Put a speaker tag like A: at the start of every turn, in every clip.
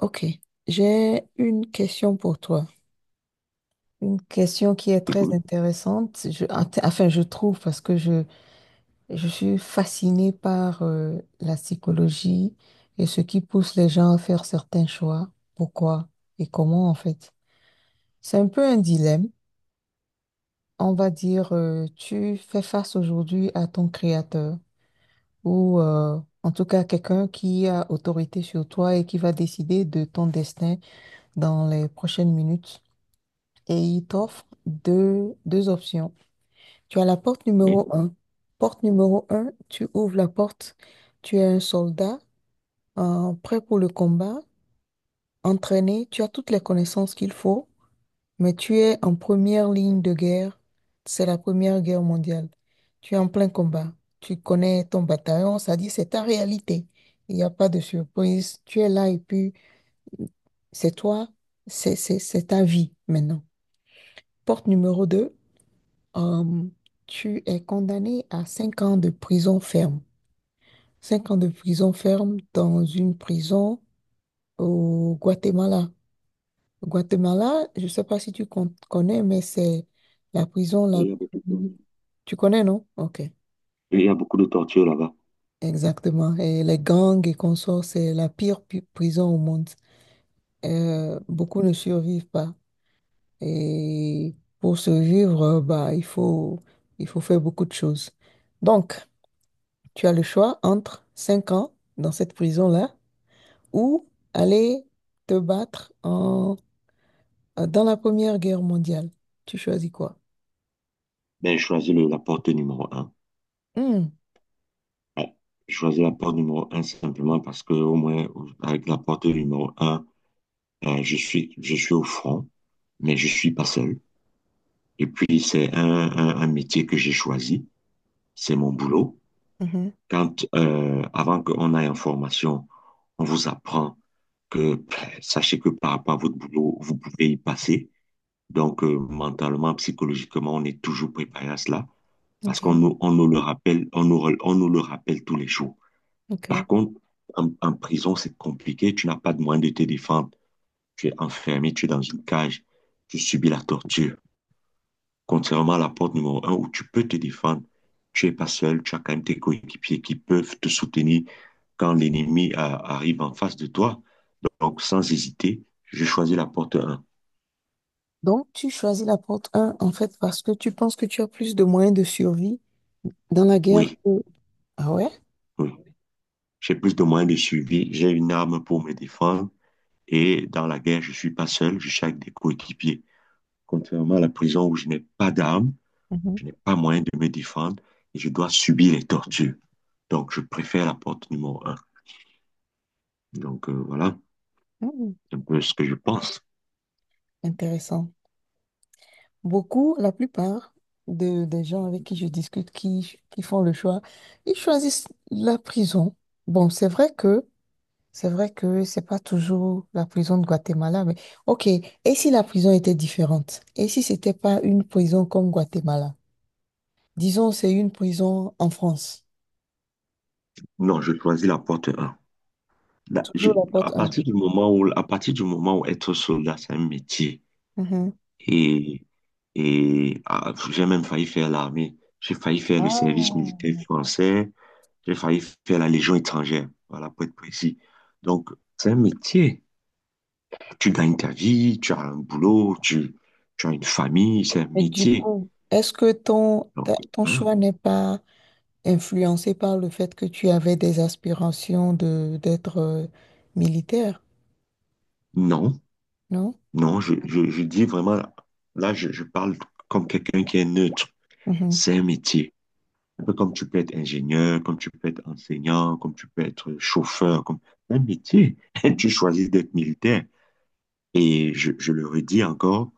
A: Ok, j'ai une question pour toi. Une question qui est très
B: Écoute,
A: intéressante. Je trouve parce que je suis fascinée par la psychologie et ce qui pousse les gens à faire certains choix. Pourquoi et comment en fait. C'est un peu un dilemme. On va dire, tu fais face aujourd'hui à ton créateur ou en tout cas quelqu'un qui a autorité sur toi et qui va décider de ton destin dans les prochaines minutes. Et il t'offre deux options. Tu as la porte
B: oui.
A: numéro un. Porte numéro un, tu ouvres la porte, tu es un soldat prêt pour le combat, entraîné, tu as toutes les connaissances qu'il faut, mais tu es en première ligne de guerre. C'est la Première Guerre mondiale. Tu es en plein combat. Tu connais ton bataillon, ça dit c'est ta réalité. Il n'y a pas de surprise. Tu es là et puis c'est toi, c'est ta vie maintenant. Porte numéro 2. Euh, Tu es condamné à 5 ans de prison ferme. 5 ans de prison ferme dans une prison au Guatemala. Au Guatemala, je ne sais pas si connais, mais c'est la prison la
B: Oui, il y a beaucoup de...
A: plus... Tu connais, non? Ok,
B: Il y a beaucoup de tortures là-bas.
A: exactement. Et les gangs et consorts, c'est la pire prison au monde. Beaucoup ne survivent pas. Et pour survivre, bah, il faut faire beaucoup de choses. Donc, tu as le choix entre 5 ans dans cette prison-là ou aller te battre dans la Première Guerre mondiale. Tu choisis quoi?
B: Ben, je choisis la porte numéro un.
A: Hmm,
B: Ouais. Je choisis la porte numéro un simplement parce que au moins, avec la porte numéro un, je suis au front, mais je suis pas seul. Et puis, c'est un métier que j'ai choisi. C'est mon boulot.
A: mhm,
B: Quand, avant qu'on aille en formation, on vous apprend que ben, sachez que par rapport à votre boulot, vous pouvez y passer. Donc, mentalement, psychologiquement, on est toujours préparé à cela. Parce
A: ok,
B: qu'on nous, on nous le rappelle, on nous le rappelle tous les jours. Par
A: ok.
B: contre, en prison, c'est compliqué, tu n'as pas de moyen de te défendre, tu es enfermé, tu es dans une cage, tu subis la torture. Contrairement à la porte numéro un où tu peux te défendre, tu n'es pas seul, tu as quand même tes coéquipiers qui peuvent te soutenir quand l'ennemi arrive en face de toi. Donc, sans hésiter, je choisis la porte un.
A: Donc, tu choisis la porte un en fait, parce que tu penses que tu as plus de moyens de survie dans la guerre
B: Oui,
A: que... Ah ouais?
B: oui. J'ai plus de moyens de suivi, j'ai une arme pour me défendre. Et dans la guerre, je suis pas seul, je suis avec des coéquipiers. Contrairement à la prison où je n'ai pas d'armes,
A: Mhm.
B: je n'ai pas moyen de me défendre et je dois subir les tortures. Donc, je préfère la porte numéro un. Donc, voilà
A: Hmm,
B: un peu ce que je pense.
A: intéressant. Beaucoup, la plupart des gens avec qui je discute, qui font le choix, ils choisissent la prison. Bon, c'est vrai que c'est vrai que c'est pas toujours la prison de Guatemala, mais ok. Et si la prison était différente? Et si c'était pas une prison comme Guatemala? Disons, c'est une prison en France.
B: Non, je choisis la porte un. Là,
A: Toujours la
B: à
A: porte 1.
B: partir du moment où, à partir du moment où être soldat, c'est un métier. Et, j'ai même failli faire l'armée. J'ai failli faire le service
A: Ah,
B: militaire français. J'ai failli faire la Légion étrangère, voilà, pour être précis. Donc, c'est un métier. Tu gagnes ta vie, tu as un boulot, tu as une famille, c'est un
A: mais du
B: métier.
A: coup, est-ce que
B: Donc,
A: ton
B: voilà.
A: choix n'est pas influencé par le fait que tu avais des aspirations de d'être militaire,
B: Non,
A: non?
B: non, je dis vraiment, là, je parle comme quelqu'un qui est neutre.
A: Mhm,
B: C'est un métier. Un peu comme tu peux être ingénieur, comme tu peux être enseignant, comme tu peux être chauffeur, comme un métier.
A: mhm.
B: Tu choisis d'être militaire. Et je le redis encore,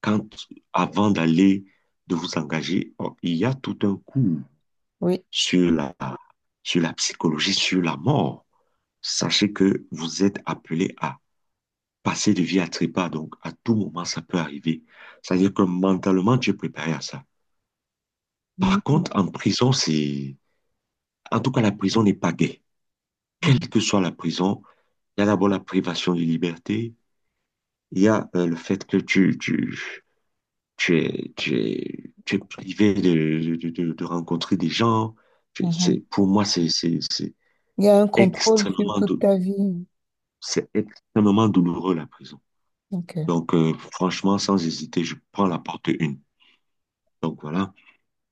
B: quand, avant d'aller, de vous engager, oh, il y a tout un cours
A: Oui.
B: sur la, sur la psychologie, sur la mort. Sachez que vous êtes appelé à passer de vie à trépas, donc à tout moment, ça peut arriver. C'est-à-dire que mentalement, tu es préparé à ça. Par
A: Mhm,
B: contre, en prison, c'est... En tout cas, la prison n'est pas gaie. Quelle
A: mhm,
B: que soit la prison, il y a d'abord la privation de liberté, il y a le fait que tu es, tu es privé de, de rencontrer des gens.
A: mhm.
B: C'est, pour moi, c'est
A: Il y a un contrôle sur
B: extrêmement,
A: toute ta vie.
B: c'est extrêmement douloureux, la prison.
A: Ok.
B: Donc, franchement, sans hésiter, je prends la porte une. Donc, voilà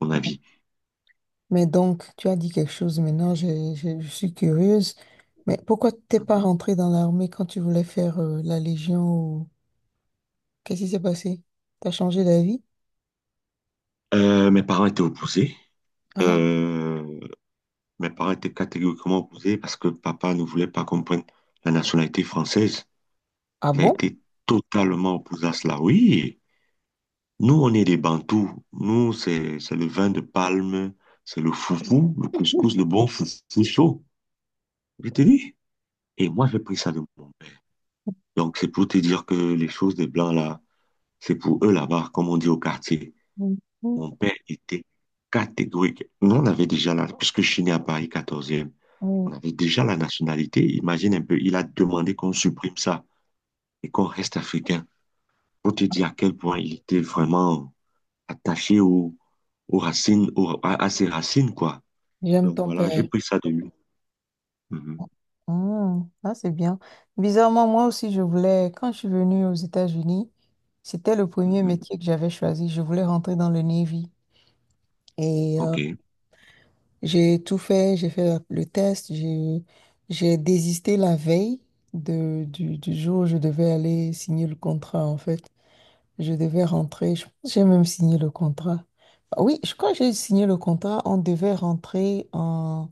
B: mon avis.
A: Mais donc, tu as dit quelque chose maintenant, suis curieuse. Mais pourquoi t'es pas rentré dans l'armée quand tu voulais faire la Légion ou... Qu'est-ce qui s'est passé? T'as changé d'avis?
B: Mes parents étaient opposés.
A: Ah,
B: Euh, mes parents étaient catégoriquement opposés parce que papa ne voulait pas qu'on prenne la nationalité française.
A: ah
B: Il a
A: bon?
B: été totalement opposé à cela. Oui. Nous, on est des Bantous. Nous, c'est le vin de palme, c'est le foufou, le couscous, le bon foufou chaud. Je te dis. Et moi, j'ai pris ça de mon père. Donc, c'est pour te dire que les choses des Blancs, là, c'est pour eux là-bas, comme on dit au quartier.
A: Mhm,
B: Mon père était catégorique. Nous, on avait déjà la, puisque je suis né à Paris quatorzième,
A: mhm.
B: on avait déjà la nationalité. Imagine un peu, il a demandé qu'on supprime ça et qu'on reste africain. Pour te dire à quel point il était vraiment attaché aux, aux racines, à ses racines, quoi.
A: J'aime
B: Donc
A: ton
B: voilà, j'ai
A: père.
B: pris ça de lui. Mhm,
A: Hmm, ah c'est bien. Bizarrement, moi aussi, je voulais, quand je suis venue aux États-Unis, c'était le premier
B: mhm.
A: métier que j'avais choisi. Je voulais rentrer dans le Navy. Et
B: OK.
A: j'ai tout fait, j'ai fait le test, j'ai désisté la veille de, du jour où je devais aller signer le contrat, en fait. Je devais rentrer. Je pense que j'ai même signé le contrat. Ah oui, je crois que j'ai signé le contrat. On devait rentrer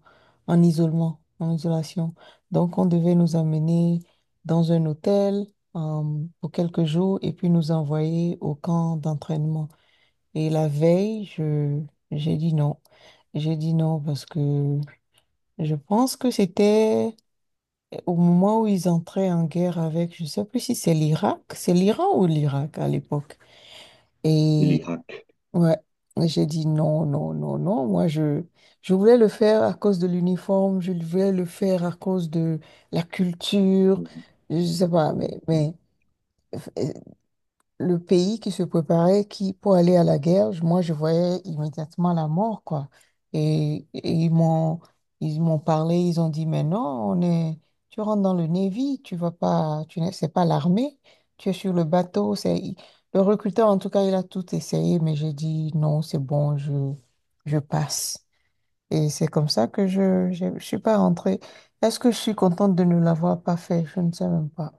A: en isolement, en isolation. Donc, on devait nous amener dans un hôtel euh, pour quelques jours et puis nous envoyer au camp d'entraînement. Et la veille, j'ai dit non. J'ai dit non parce que je pense que c'était au moment où ils entraient en guerre avec, je ne sais plus si c'est l'Irak, c'est l'Iran ou l'Irak à l'époque. Et
B: L'Irak.
A: ouais. Et j'ai dit non, non, non, non. Moi, je voulais le faire à cause de l'uniforme, je voulais le faire à cause de la culture,
B: Mhm,
A: je sais pas,
B: mhm.
A: mais euh, le pays qui se préparait qui, pour aller à la guerre, moi, je voyais immédiatement la mort, quoi. Et ils m'ont parlé, ils ont dit, mais non, tu rentres dans le Navy, tu vas pas, tu n'es, c'est pas l'armée, tu es sur le bateau. Le recruteur, en tout cas, il a tout essayé, mais j'ai dit, non, c'est bon, je passe. Et c'est comme ça que je suis pas rentrée. Est-ce que je suis contente de ne l'avoir pas fait? Je ne sais même pas.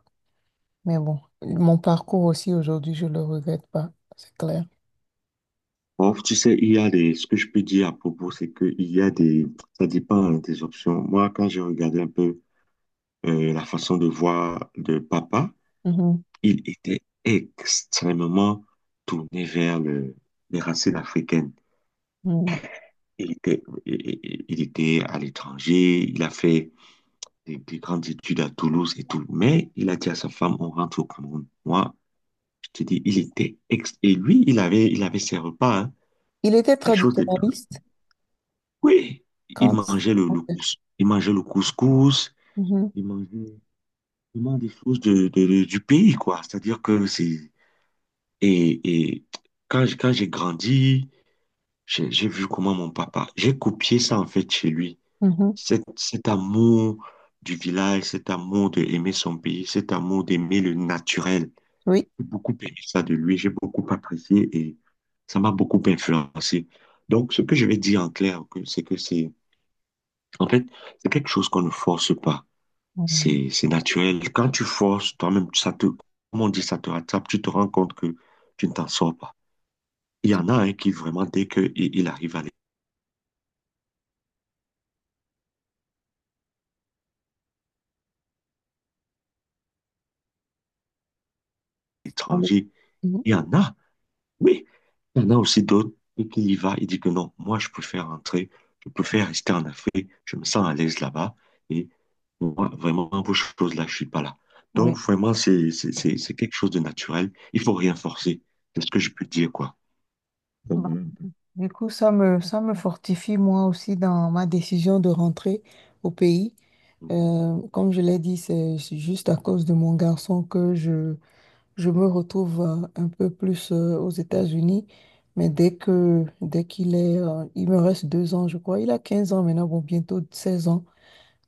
A: Mais bon, mon parcours aussi aujourd'hui, je le regrette pas, c'est clair.
B: Bon, tu sais, il y a des, ce que je peux dire à propos, c'est que il y a des, ça dépend hein, des options. Moi, quand j'ai regardé un peu la façon de voir de papa,
A: Mhm,
B: il était extrêmement tourné vers le, les racines africaines.
A: mhm.
B: Il était, il était à l'étranger, il a fait des grandes études à Toulouse et tout. Mais il a dit à sa femme, on rentre au Cameroun. Moi, je te dis, il était ex... Et lui, il avait ses repas, hein,
A: Il était
B: les choses de...
A: traditionnaliste
B: Oui, il
A: quand...
B: mangeait le couscous. Il mangeait le couscous.
A: Mhm,
B: Il mangeait vraiment des choses de, du pays, quoi. C'est-à-dire que c'est... et quand, quand j'ai grandi, j'ai vu comment mon papa... J'ai copié ça, en fait, chez lui.
A: mhm.
B: Cet amour du village, cet amour d'aimer son pays, cet amour d'aimer le naturel.
A: Oui.
B: J'ai beaucoup aimé ça de lui, j'ai beaucoup apprécié et ça m'a beaucoup influencé. Donc, ce que je vais dire en clair, c'est que c'est, en fait, c'est quelque chose qu'on ne force pas.
A: Mhm.
B: C'est naturel. Quand tu forces, toi-même, ça te, comme on dit, ça te rattrape, tu te rends compte que tu ne t'en sors pas. Il y en a un qui vraiment, dès qu'il il arrive à
A: Allez.
B: l'étranger,
A: Mhm.
B: il y en a. Oui, il y en a aussi d'autres qui y va il dit que non, moi je préfère rentrer, je préfère rester en Afrique, je me sens à l'aise là-bas et moi vraiment pour ces choses-là, je suis pas là.
A: Oui.
B: Donc vraiment c'est quelque chose de naturel, il faut rien forcer. C'est ce que je peux dire quoi. Donc,
A: Bah,
B: voilà un
A: du coup, ça me fortifie moi aussi dans ma décision de rentrer au pays.
B: peu.
A: Comme je l'ai dit, c'est juste à cause de mon garçon que je me retrouve un peu plus aux États-Unis, mais dès qu'il est, il me reste 2 ans, je crois. Il a 15 ans maintenant, bon, bientôt 16 ans.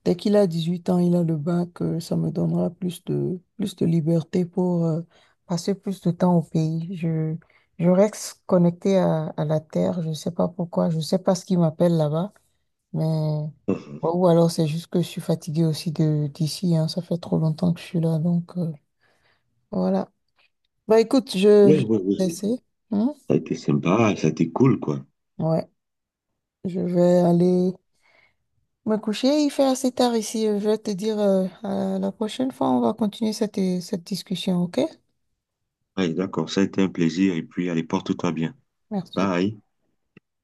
A: Dès qu'il a 18 ans, il a le bac, ça me donnera plus de liberté pour passer plus de temps au pays. Je reste connectée à la terre, je ne sais pas pourquoi, je ne sais pas ce qui m'appelle là-bas, mais...
B: Mhm.
A: Ou alors c'est juste que je suis fatiguée aussi de d'ici, hein. Ça fait trop longtemps que je suis là, donc voilà. Bah écoute,
B: Oui,
A: je vais
B: oui,
A: te
B: oui.
A: laisser, hein.
B: Ça a été sympa, ça a été cool quoi.
A: Ouais, je vais aller me coucher. Il fait assez tard ici. Je vais te dire, à la prochaine fois, on va continuer cette, cette discussion, ok?
B: Ouais, d'accord, ça a été un plaisir et puis allez, porte-toi bien.
A: Merci.
B: Bye.